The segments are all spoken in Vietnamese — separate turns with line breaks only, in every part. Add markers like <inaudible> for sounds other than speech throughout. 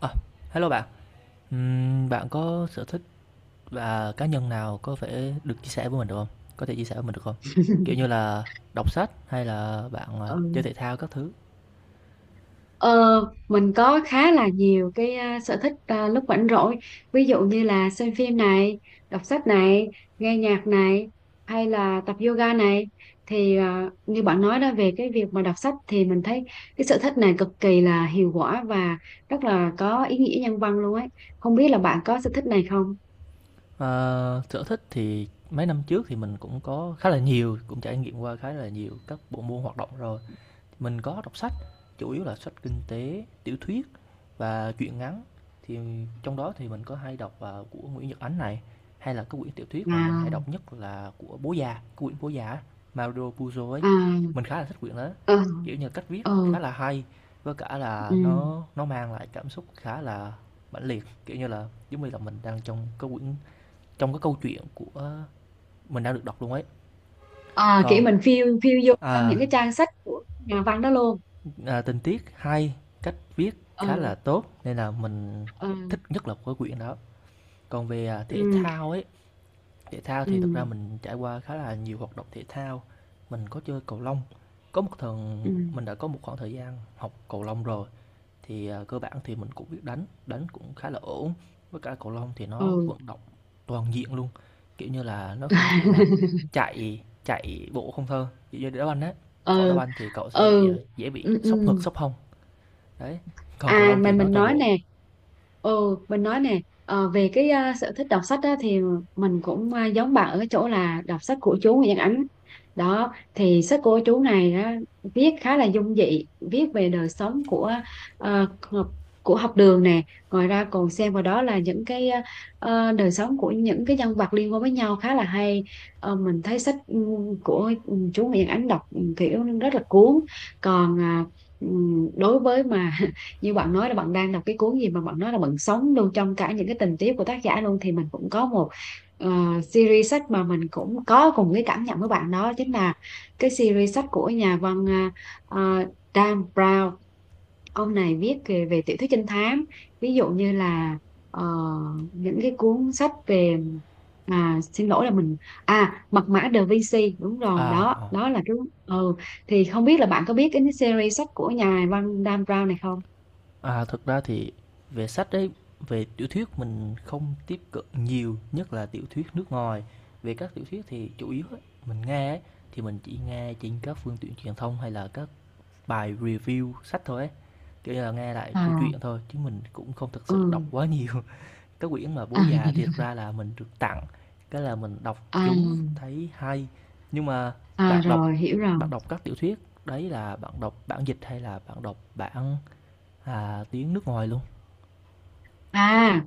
Ờ, Hello bạn. Bạn có sở thích và cá nhân nào có thể được chia sẻ với mình được không? Có thể chia sẻ với mình được không? Kiểu như là đọc sách hay là bạn chơi
Ừ.
thể thao các thứ?
Ờ, mình có khá là nhiều cái sở thích, lúc rảnh rỗi, ví dụ như là xem phim này, đọc sách này, nghe nhạc này, hay là tập yoga này, thì như bạn nói đó, về cái việc mà đọc sách thì mình thấy cái sở thích này cực kỳ là hiệu quả và rất là có ý nghĩa nhân văn luôn ấy. Không biết là bạn có sở thích này không?
Ờ, Sở thích thì mấy năm trước thì mình cũng có khá là nhiều, cũng trải nghiệm qua khá là nhiều các bộ môn hoạt động rồi. Mình có đọc sách, chủ yếu là sách kinh tế, tiểu thuyết và truyện ngắn. Thì trong đó thì mình có hay đọc của Nguyễn Nhật Ánh này, hay là cái quyển tiểu thuyết mà mình hay đọc
À,
nhất là của Bố Già, quyển Bố Già á, Mario Puzo ấy.
à,
Mình khá là thích quyển đó,
ờ,
kiểu như, cách viết
ờ,
khá là hay, với cả
ừ,
là nó mang lại cảm xúc khá là mãnh liệt, kiểu như là, giống như là mình đang trong cái quyển trong cái câu chuyện của mình đang được đọc luôn ấy.
à, kiểu
Còn,
mình phiêu phiêu du trong
à,
những cái trang sách của nhà văn đó luôn.
Tình tiết hay, cách viết
Ờ.
khá là tốt nên là mình
Ờ.
thích nhất là cái quyển đó. Còn về thể
Ừ.
thao ấy, thể thao
Ừ.
thì thực ra mình trải qua khá là nhiều hoạt động thể thao. Mình có chơi cầu lông, có một
Ừ.
thần mình đã có một khoảng thời gian học cầu lông rồi, thì cơ bản thì mình cũng biết đánh, đánh cũng khá là ổn. Với cả cầu lông thì nó
Ừ.
vận động toàn diện luôn, kiểu như là, nó không chỉ là
<laughs>
chạy chạy bộ không thôi, kiểu như đá banh á, cậu đá
Ừ.
banh thì cậu sẽ
Ừ.
dễ bị
Ừ,
sốc
ừ.
ngực, sốc hông. Đấy, còn cầu
À,
lông thì
mình
nói
mình
toàn
nói
bộ.
nè, ừ, mình nói nè, về cái sở thích đọc sách á, thì mình cũng giống bạn ở cái chỗ là đọc sách của chú Nguyễn Văn Ánh đó, thì sách của chú này á, viết khá là dung dị, viết về đời sống của ờ, học- học đường nè, ngoài ra còn xem vào đó là những cái đời sống của những cái nhân vật liên quan với nhau khá là hay. Ờ, mình thấy sách của chú Nguyễn Ánh đọc kiểu rất là cuốn, còn ừ, đối với mà như bạn nói là bạn đang đọc cái cuốn gì mà bạn nói là bạn sống luôn trong cả những cái tình tiết của tác giả luôn, thì mình cũng có một ờ, series sách mà mình cũng có cùng cái cảm nhận với bạn, đó chính là cái series sách của nhà văn ờ, ờ, Dan Brown. Ông này viết về tiểu thuyết trinh thám, ví dụ như là ờ, những cái cuốn sách về, xin lỗi là mình, mật mã Da Vinci, đúng rồi,
À,
đó
ờ.
đó là cái. Ừ. Thì không biết là bạn có biết cái series sách của nhà văn Dan Brown này không?
Thực ra thì về sách đấy, về tiểu thuyết mình không tiếp cận nhiều, nhất là tiểu thuyết nước ngoài. Về các tiểu thuyết thì chủ yếu ấy, mình nghe ấy, thì mình chỉ nghe trên các phương tiện truyền thông hay là các bài review sách thôi ấy. Kiểu như là nghe lại câu
À,
chuyện thôi chứ mình cũng không thực
ừ,
sự đọc quá nhiều. Cái quyển mà Bố
à,
Già thì thực
<laughs>
ra là mình được tặng, cái là mình đọc
à,
chúng thấy hay. Nhưng mà
à
bạn đọc
rồi hiểu rồi.
bạn đọc các tiểu thuyết, đấy là bạn đọc bản dịch hay là bạn đọc bản tiếng nước ngoài luôn?
À,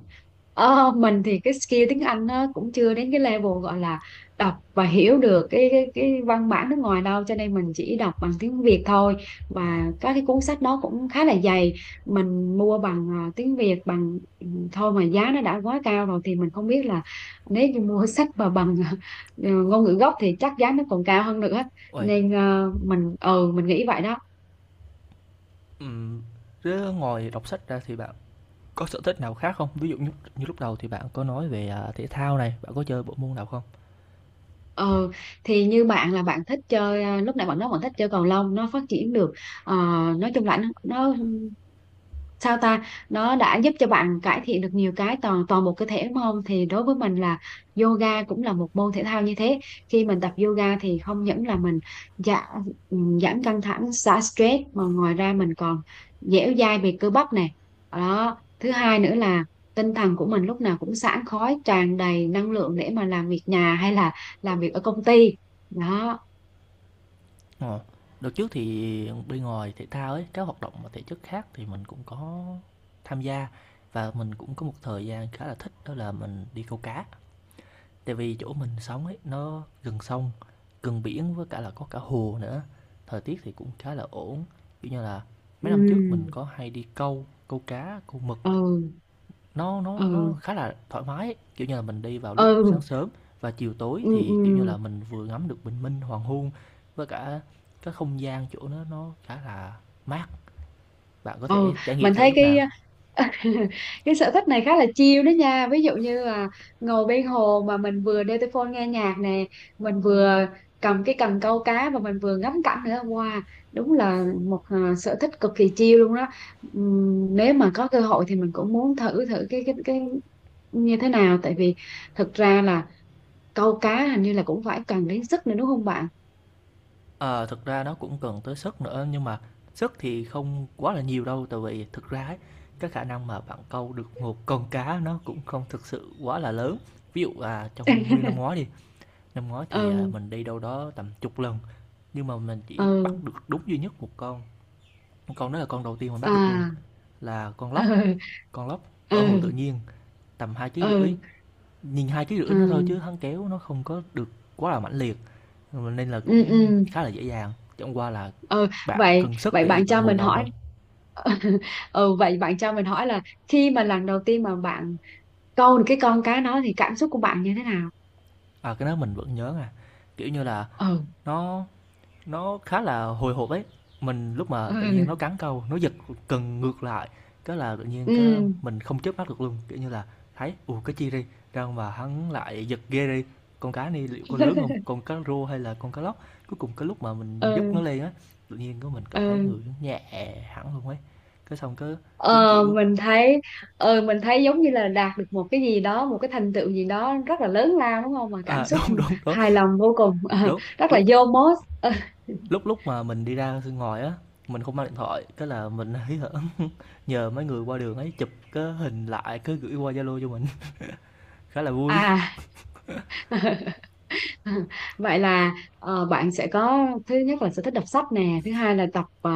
mình thì cái skill tiếng Anh nó cũng chưa đến cái level gọi là đọc và hiểu được cái văn bản nước ngoài đâu, cho nên mình chỉ đọc bằng tiếng Việt thôi,
À,
và các cái cuốn sách nó cũng khá là dày. Mình mua bằng tiếng Việt thôi, mà giá nó đã quá cao rồi, thì mình không biết là nếu như mua <laughs> sách mà bằng <laughs> ngôn ngữ gốc thì chắc giá nó còn cao hơn nữa,
uầy,
nên mình mình nghĩ vậy đó.
ừm, Thế ngoài đọc sách ra thì bạn có sở thích nào khác không? Ví dụ như như lúc đầu thì bạn có nói về thể thao này, bạn có chơi bộ môn nào không?
Ừ, thì như bạn là bạn thích chơi à, lúc nãy bạn nói bạn thích chơi cầu lông, nó phát triển được, ờ, nói chung là nó, sao ta, nó đã giúp cho bạn cải thiện được nhiều cái toàn toàn một cơ thể đúng không? Thì đối với mình là yoga cũng là một môn thể thao như thế. Khi mình tập yoga thì không những là mình giảm giảm căng thẳng, xả stress, mà ngoài ra mình còn dẻo dai về cơ bắp này, đó, thứ hai nữa là tinh thần của mình lúc nào cũng sảng khoái, tràn đầy năng lượng để mà làm việc nhà hay là làm việc ở công ty. Đó.
Ờ, Đợt trước thì bên ngoài thể thao ấy, các hoạt động mà thể chất khác thì mình cũng có tham gia và mình cũng có một thời gian khá là thích đó là mình đi câu cá. Tại vì chỗ mình sống ấy nó gần sông, gần biển với cả là có cả hồ nữa. Thời tiết thì cũng khá là ổn. Kiểu như là mấy
Ừ.
năm trước mình có hay đi câu, câu cá, câu mực
Ừ.
nó
Ừ.
khá là thoải mái, kiểu như là mình đi vào lúc sáng
Ừ.
sớm và chiều tối
Ừ.
thì, kiểu như là, mình vừa ngắm được bình minh, hoàng hôn với cả cái không gian chỗ nó khá là mát, bạn có
Ừ.
thể trải nghiệm
Mình
thử
thấy
lúc
cái
nào.
<laughs> cái sở thích này khá là chill đó nha, ví dụ như là ngồi bên hồ mà mình vừa đeo tai phone nghe nhạc nè, mình vừa cầm cái cần câu cá và mình vừa ngắm cảnh nữa, wow, đúng là một sở thích cực kỳ chill luôn đó. Nếu mà có cơ hội thì mình cũng muốn thử thử cái như thế nào, tại vì thực ra là câu cá hình như là cũng phải cần đến sức nữa, đúng không bạn?
Ờ, thực ra nó cũng cần tới sức nữa nhưng mà sức thì không quá là nhiều đâu, tại vì thực ra ấy, cái khả năng mà bạn câu được một con cá nó cũng không thực sự quá là lớn. Trong nguyên năm ngoái
<laughs>
đi, năm ngoái thì
Ừ.
mình đi đâu đó tầm chục lần, nhưng mà mình chỉ
Ừ.
bắt được đúng duy nhất một con đó là con đầu tiên mình bắt được luôn,
À.
là con
Ừ.
lóc, con lóc ở hồ
Ừ.
tự nhiên, tầm hai ký rưỡi.
Ừ.
Nhìn hai ký rưỡi nó thôi
Ừ,
chứ hắn kéo nó không có được quá là mãnh liệt nên là
ừ,
cũng
ừ.
khá là dễ dàng, chẳng qua là
Ờ,
bạn
vậy
cần sức
vậy
để
bạn
bạn
cho
ngồi
mình
lâu
hỏi,
thôi.
<laughs> ừ, vậy bạn cho mình hỏi là khi mà lần đầu tiên mà bạn câu được cái con cá đó thì cảm xúc của bạn như thế nào?
Cái đó mình vẫn nhớ, kiểu như là
Ừ.
nó nó khá là hồi hộp ấy. Mình lúc mà
Ừ.
tự nhiên nó cắn câu, nó giật cần ngược lại, cái là tự nhiên cái
Ừ.
mình không chớp mắt được luôn, kiểu như là thấy cái chi đi, ra mà hắn lại giật ghê đi, con cá này liệu có lớn không,
<laughs>
con cá rô hay là con cá lóc? Cuối cùng cái lúc mà mình dứt
Ừ.
nó lên á, tự nhiên cái mình cảm thấy
Ừ.
người nhẹ hẳn luôn ấy. Cái xong cái giống
ờ
kiểu
mình thấy mình thấy giống như là đạt được một cái gì đó, một cái thành tựu gì đó rất là lớn lao, đúng không, mà cảm
<laughs>
xúc
đúng, đúng, đúng,
hài lòng vô cùng,
đúng,
<laughs> rất là
lúc
vô mốt. <laughs>
lúc lúc mà mình đi ra ngoài á, mình không mang điện thoại, cái là mình hí hở nhờ mấy người qua đường ấy chụp cái hình lại cứ gửi qua Zalo cho mình. <laughs> Khá là vui.
À. <laughs> <laughs> Vậy là bạn sẽ có, thứ nhất là sở thích đọc sách nè, thứ hai là tập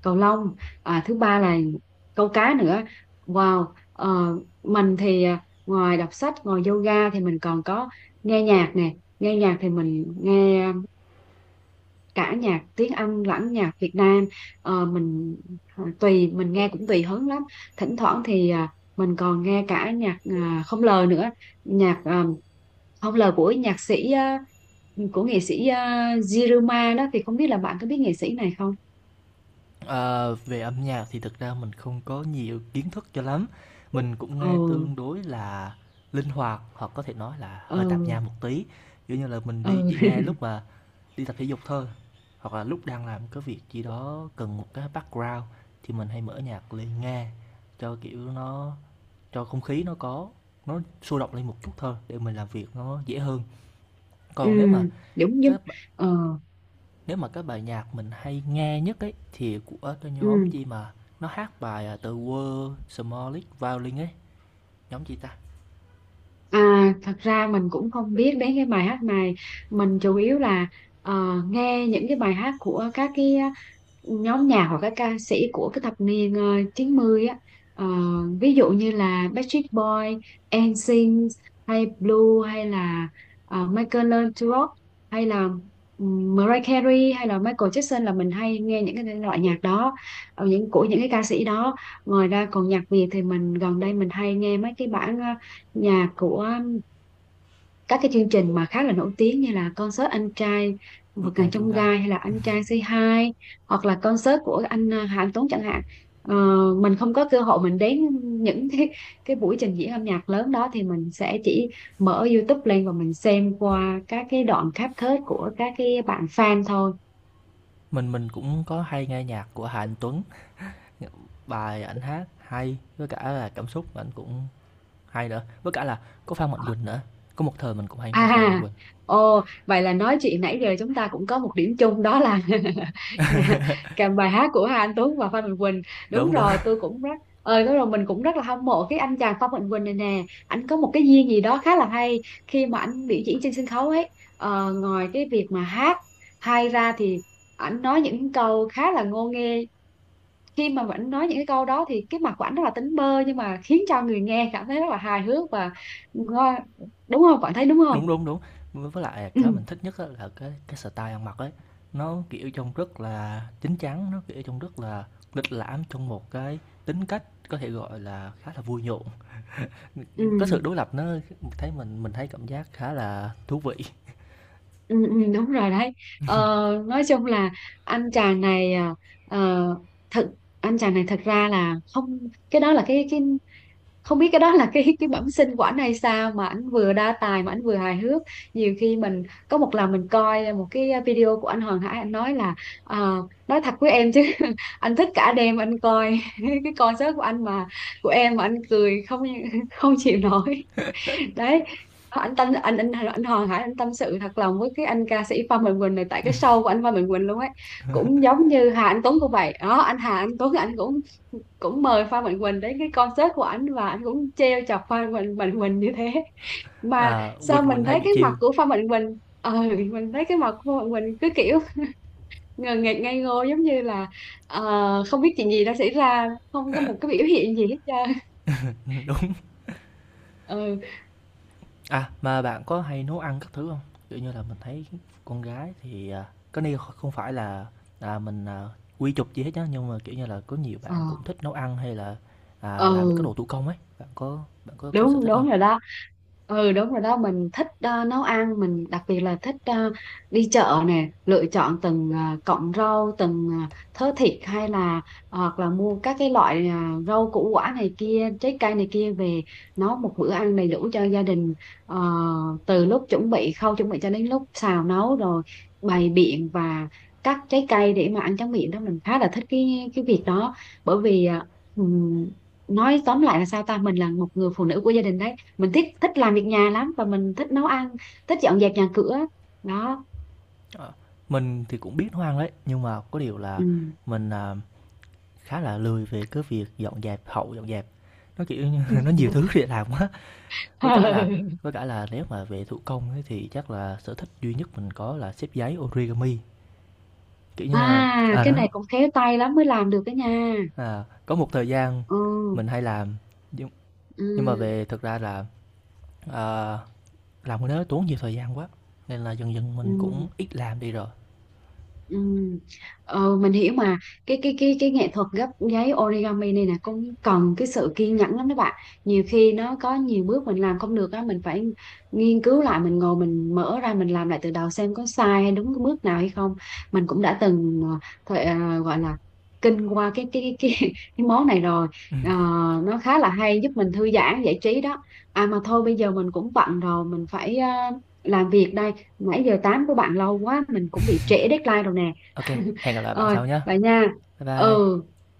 cầu lông, thứ ba là câu cá nữa, wow. ờ, mình thì ngoài đọc sách, ngoài yoga, thì mình còn có nghe nhạc nè. Nghe nhạc thì mình nghe cả nhạc tiếng Anh lẫn nhạc Việt Nam. Ờ, mình tùy mình nghe cũng tùy hứng lắm, thỉnh thoảng thì mình còn nghe cả nhạc không lời nữa, nhạc không lời của nhạc sĩ của nghệ sĩ Jiruma đó, thì không biết là bạn có biết nghệ sĩ này không?
Ờ, về âm nhạc thì thực ra mình không có nhiều kiến thức cho lắm, mình cũng
Ờ.
nghe tương đối là linh hoạt hoặc có thể nói là
Ờ.
hơi tạp nham một tí, kiểu như là mình đi
Ờ.
chỉ nghe
<laughs>
lúc mà đi tập thể dục thôi hoặc là lúc đang làm cái việc gì đó cần một cái background thì mình hay mở nhạc lên nghe cho kiểu nó cho không khí nó có nó sôi động lên một chút thôi để mình làm việc nó dễ hơn.
Ừ,
Còn nếu mà
đúng, nhưng,
cái
ừ,
Nếu mà cái bài nhạc mình hay nghe nhất ấy thì của cái
ừ.
nhóm chi mà nó hát bài The World Smallest Violin ấy, nhóm chi ta?
À, thật ra mình cũng không biết đến cái bài hát này, mình chủ yếu là nghe những cái bài hát của các cái nhóm nhạc hoặc các ca sĩ của cái thập niên 90 á. Ờ, ví dụ như là Backstreet Boy, NSYNC hay Blue hay là Michael Learns to Rock, hay là Mariah Carey hay là Michael Jackson, là mình hay nghe những cái loại nhạc đó, những của những cái ca sĩ đó. Ngoài ra còn nhạc Việt thì mình gần đây mình hay nghe mấy cái bản nhà của các cái chương trình mà khá là nổi tiếng như là concert Anh Trai Vượt
Vượt
Ngàn
ngàn chông
Chông
gai.
Gai hay là Anh Trai Say Hi, hoặc là concert của anh Hà Anh Tuấn chẳng hạn. Ờ, mình không có cơ hội mình đến những cái buổi trình diễn âm nhạc lớn đó, thì mình sẽ chỉ mở YouTube lên và mình xem qua các cái đoạn cáp kết của các cái bạn fan thôi.
Mình cũng có hay nghe nhạc của Hà Anh Tuấn, bài ảnh hát hay, với cả là cảm xúc của ảnh cũng hay nữa, với cả là có Phan Mạnh Quỳnh nữa, có một thời mình cũng hay nghe Phan Mạnh
À,
Quỳnh.
ồ, vậy là nói chuyện nãy giờ chúng ta cũng có một điểm chung, đó là <laughs> nhà, cả bài hát của Hà Anh Tuấn và Phan Mạnh Quỳnh. Đúng
Đúng, đúng.
rồi, tôi cũng rất, đúng rồi, mình cũng rất là hâm mộ cái anh chàng Phan Mạnh Quỳnh này nè. Anh có một cái duyên gì đó khá là hay khi mà anh biểu diễn trên sân khấu ấy. Ờ, ngoài cái việc mà hát hay ra thì anh nói những câu khá là ngô nghê. Khi mà anh nói những cái câu đó thì cái mặt của anh rất là tính bơ, nhưng mà khiến cho người nghe cảm thấy rất là hài hước và ngo- đúng không? Bạn thấy đúng không?
Đúng, đúng, đúng. Với lại
Ừ.
cái mình thích nhất á là cái style ăn mặc ấy, nó, kiểu, trông rất là chín chắn, nó, kiểu, trông rất là lịch lãm trong một cái tính cách có thể gọi là khá là vui nhộn.
Ừ,
Ừm, cái sự đối lập nó thấy mình thấy cảm giác khá là thú vị.
ừ, ừ, đúng rồi đấy. ờ, nói chung là anh chàng này ờ, thật anh chàng này thật ra là không, cái đó là cái, không biết cái đó là cái bẩm sinh của anh hay sao mà anh vừa đa tài mà anh vừa hài hước. Nhiều khi mình có một lần mình coi một cái video của anh Hoàng Hải, anh nói là ờ, nói thật với em chứ, <laughs> anh thích cả đêm anh coi <laughs> cái concert của em mà anh cười không không chịu nổi. Đấy, anh Hoàng Hải anh tâm sự thật lòng với cái anh ca sĩ Phan Mạnh Quỳnh này, tại cái show của anh Phan Mạnh Quỳnh luôn ấy. Cũng giống như Hà Anh Tuấn cũng vậy đó, anh Hà Anh Tuấn anh cũng cũng mời Phan Mạnh Quỳnh đến cái concert của anh và anh cũng trêu chọc Phan Mạnh Quỳnh như thế, mà
À,
sao
Quỳnh Quỳnh
mình
hay
thấy
bị
cái mặt
chiêu.
của Phan Mạnh Quỳnh, mình thấy cái mặt của Phan Mạnh Quỳnh cứ kiểu ngờ nghệch ngây ngô, giống như là không biết chuyện gì đã xảy ra, không có một cái biểu hiện gì hết trơn.
<laughs> Đúng.
Ừ.
À, mà bạn có hay nấu ăn các thứ không? Kiểu như là, mình thấy con gái thì cái này không phải là, à, mình, à, quy chụp gì hết nhá, nhưng mà, kiểu như là, có nhiều
Ờ.
bạn cũng thích nấu ăn hay là làm các
Ừ,
đồ thủ công ấy, bạn có có sở
đúng,
thích không?
đúng rồi đó, ừ, đúng rồi đó, mình thích nấu ăn. Mình đặc biệt là thích đi chợ nè, lựa chọn từng cọng rau, từng thớ thịt, hay là hoặc là mua các cái loại rau củ quả này kia, trái cây này kia về, nấu một bữa ăn đầy đủ cho gia đình. Ờ, từ lúc chuẩn bị, khâu chuẩn bị cho đến lúc xào nấu, rồi bày biện và cắt trái cây để mà ăn tráng miệng đó, mình khá là thích cái việc đó. Bởi vì ờ, nói tóm lại là, sao ta, mình là một người phụ nữ của gia đình đấy, mình thích thích làm việc nhà lắm và mình thích nấu ăn, thích dọn dẹp nhà cửa. Đó.
Ờ, mình thì cũng biết nấu ăn đấy, nhưng mà có điều là
Ừ.
mình khá là lười về cái việc dọn dẹp, hậu dọn dẹp. Nó, kiểu như, <laughs> nó nhiều thứ
<laughs>
để làm quá, với cả là nếu mà về thủ công ấy thì chắc là sở thích duy nhất mình có là xếp giấy origami. Kiểu như là
À, cái
đó,
này cũng khéo tay lắm mới làm được cái nha.
có một thời gian
Ừ.
mình hay làm, nhưng nhưng mà
Ừ.
về thực ra là, ờ, làm cái đó tốn nhiều thời gian quá, nên là dần dần mình
Ừ.
cũng ít làm đi rồi.
Ừ. Ờ, mình hiểu mà, cái nghệ thuật gấp giấy origami này nè cũng cần cái sự kiên nhẫn lắm đó bạn, nhiều khi nó có nhiều bước mình làm không được á, mình phải nghiên cứu lại, mình ngồi mình mở ra mình làm lại từ đầu xem có sai hay đúng cái bước nào hay không. Mình cũng đã từng thời, gọi là kinh qua <laughs> cái món này rồi. Ờ, nó khá là hay, giúp mình thư giãn giải trí đó. À, mà thôi bây giờ mình cũng bận rồi, mình phải làm việc đây, nãy giờ tám của bạn lâu quá mình cũng bị trễ deadline rồi nè.
Ok,
<laughs>
hẹn gặp lại bạn
Rồi,
sau nhé.
vậy nha.
Bye bye.
Ừ.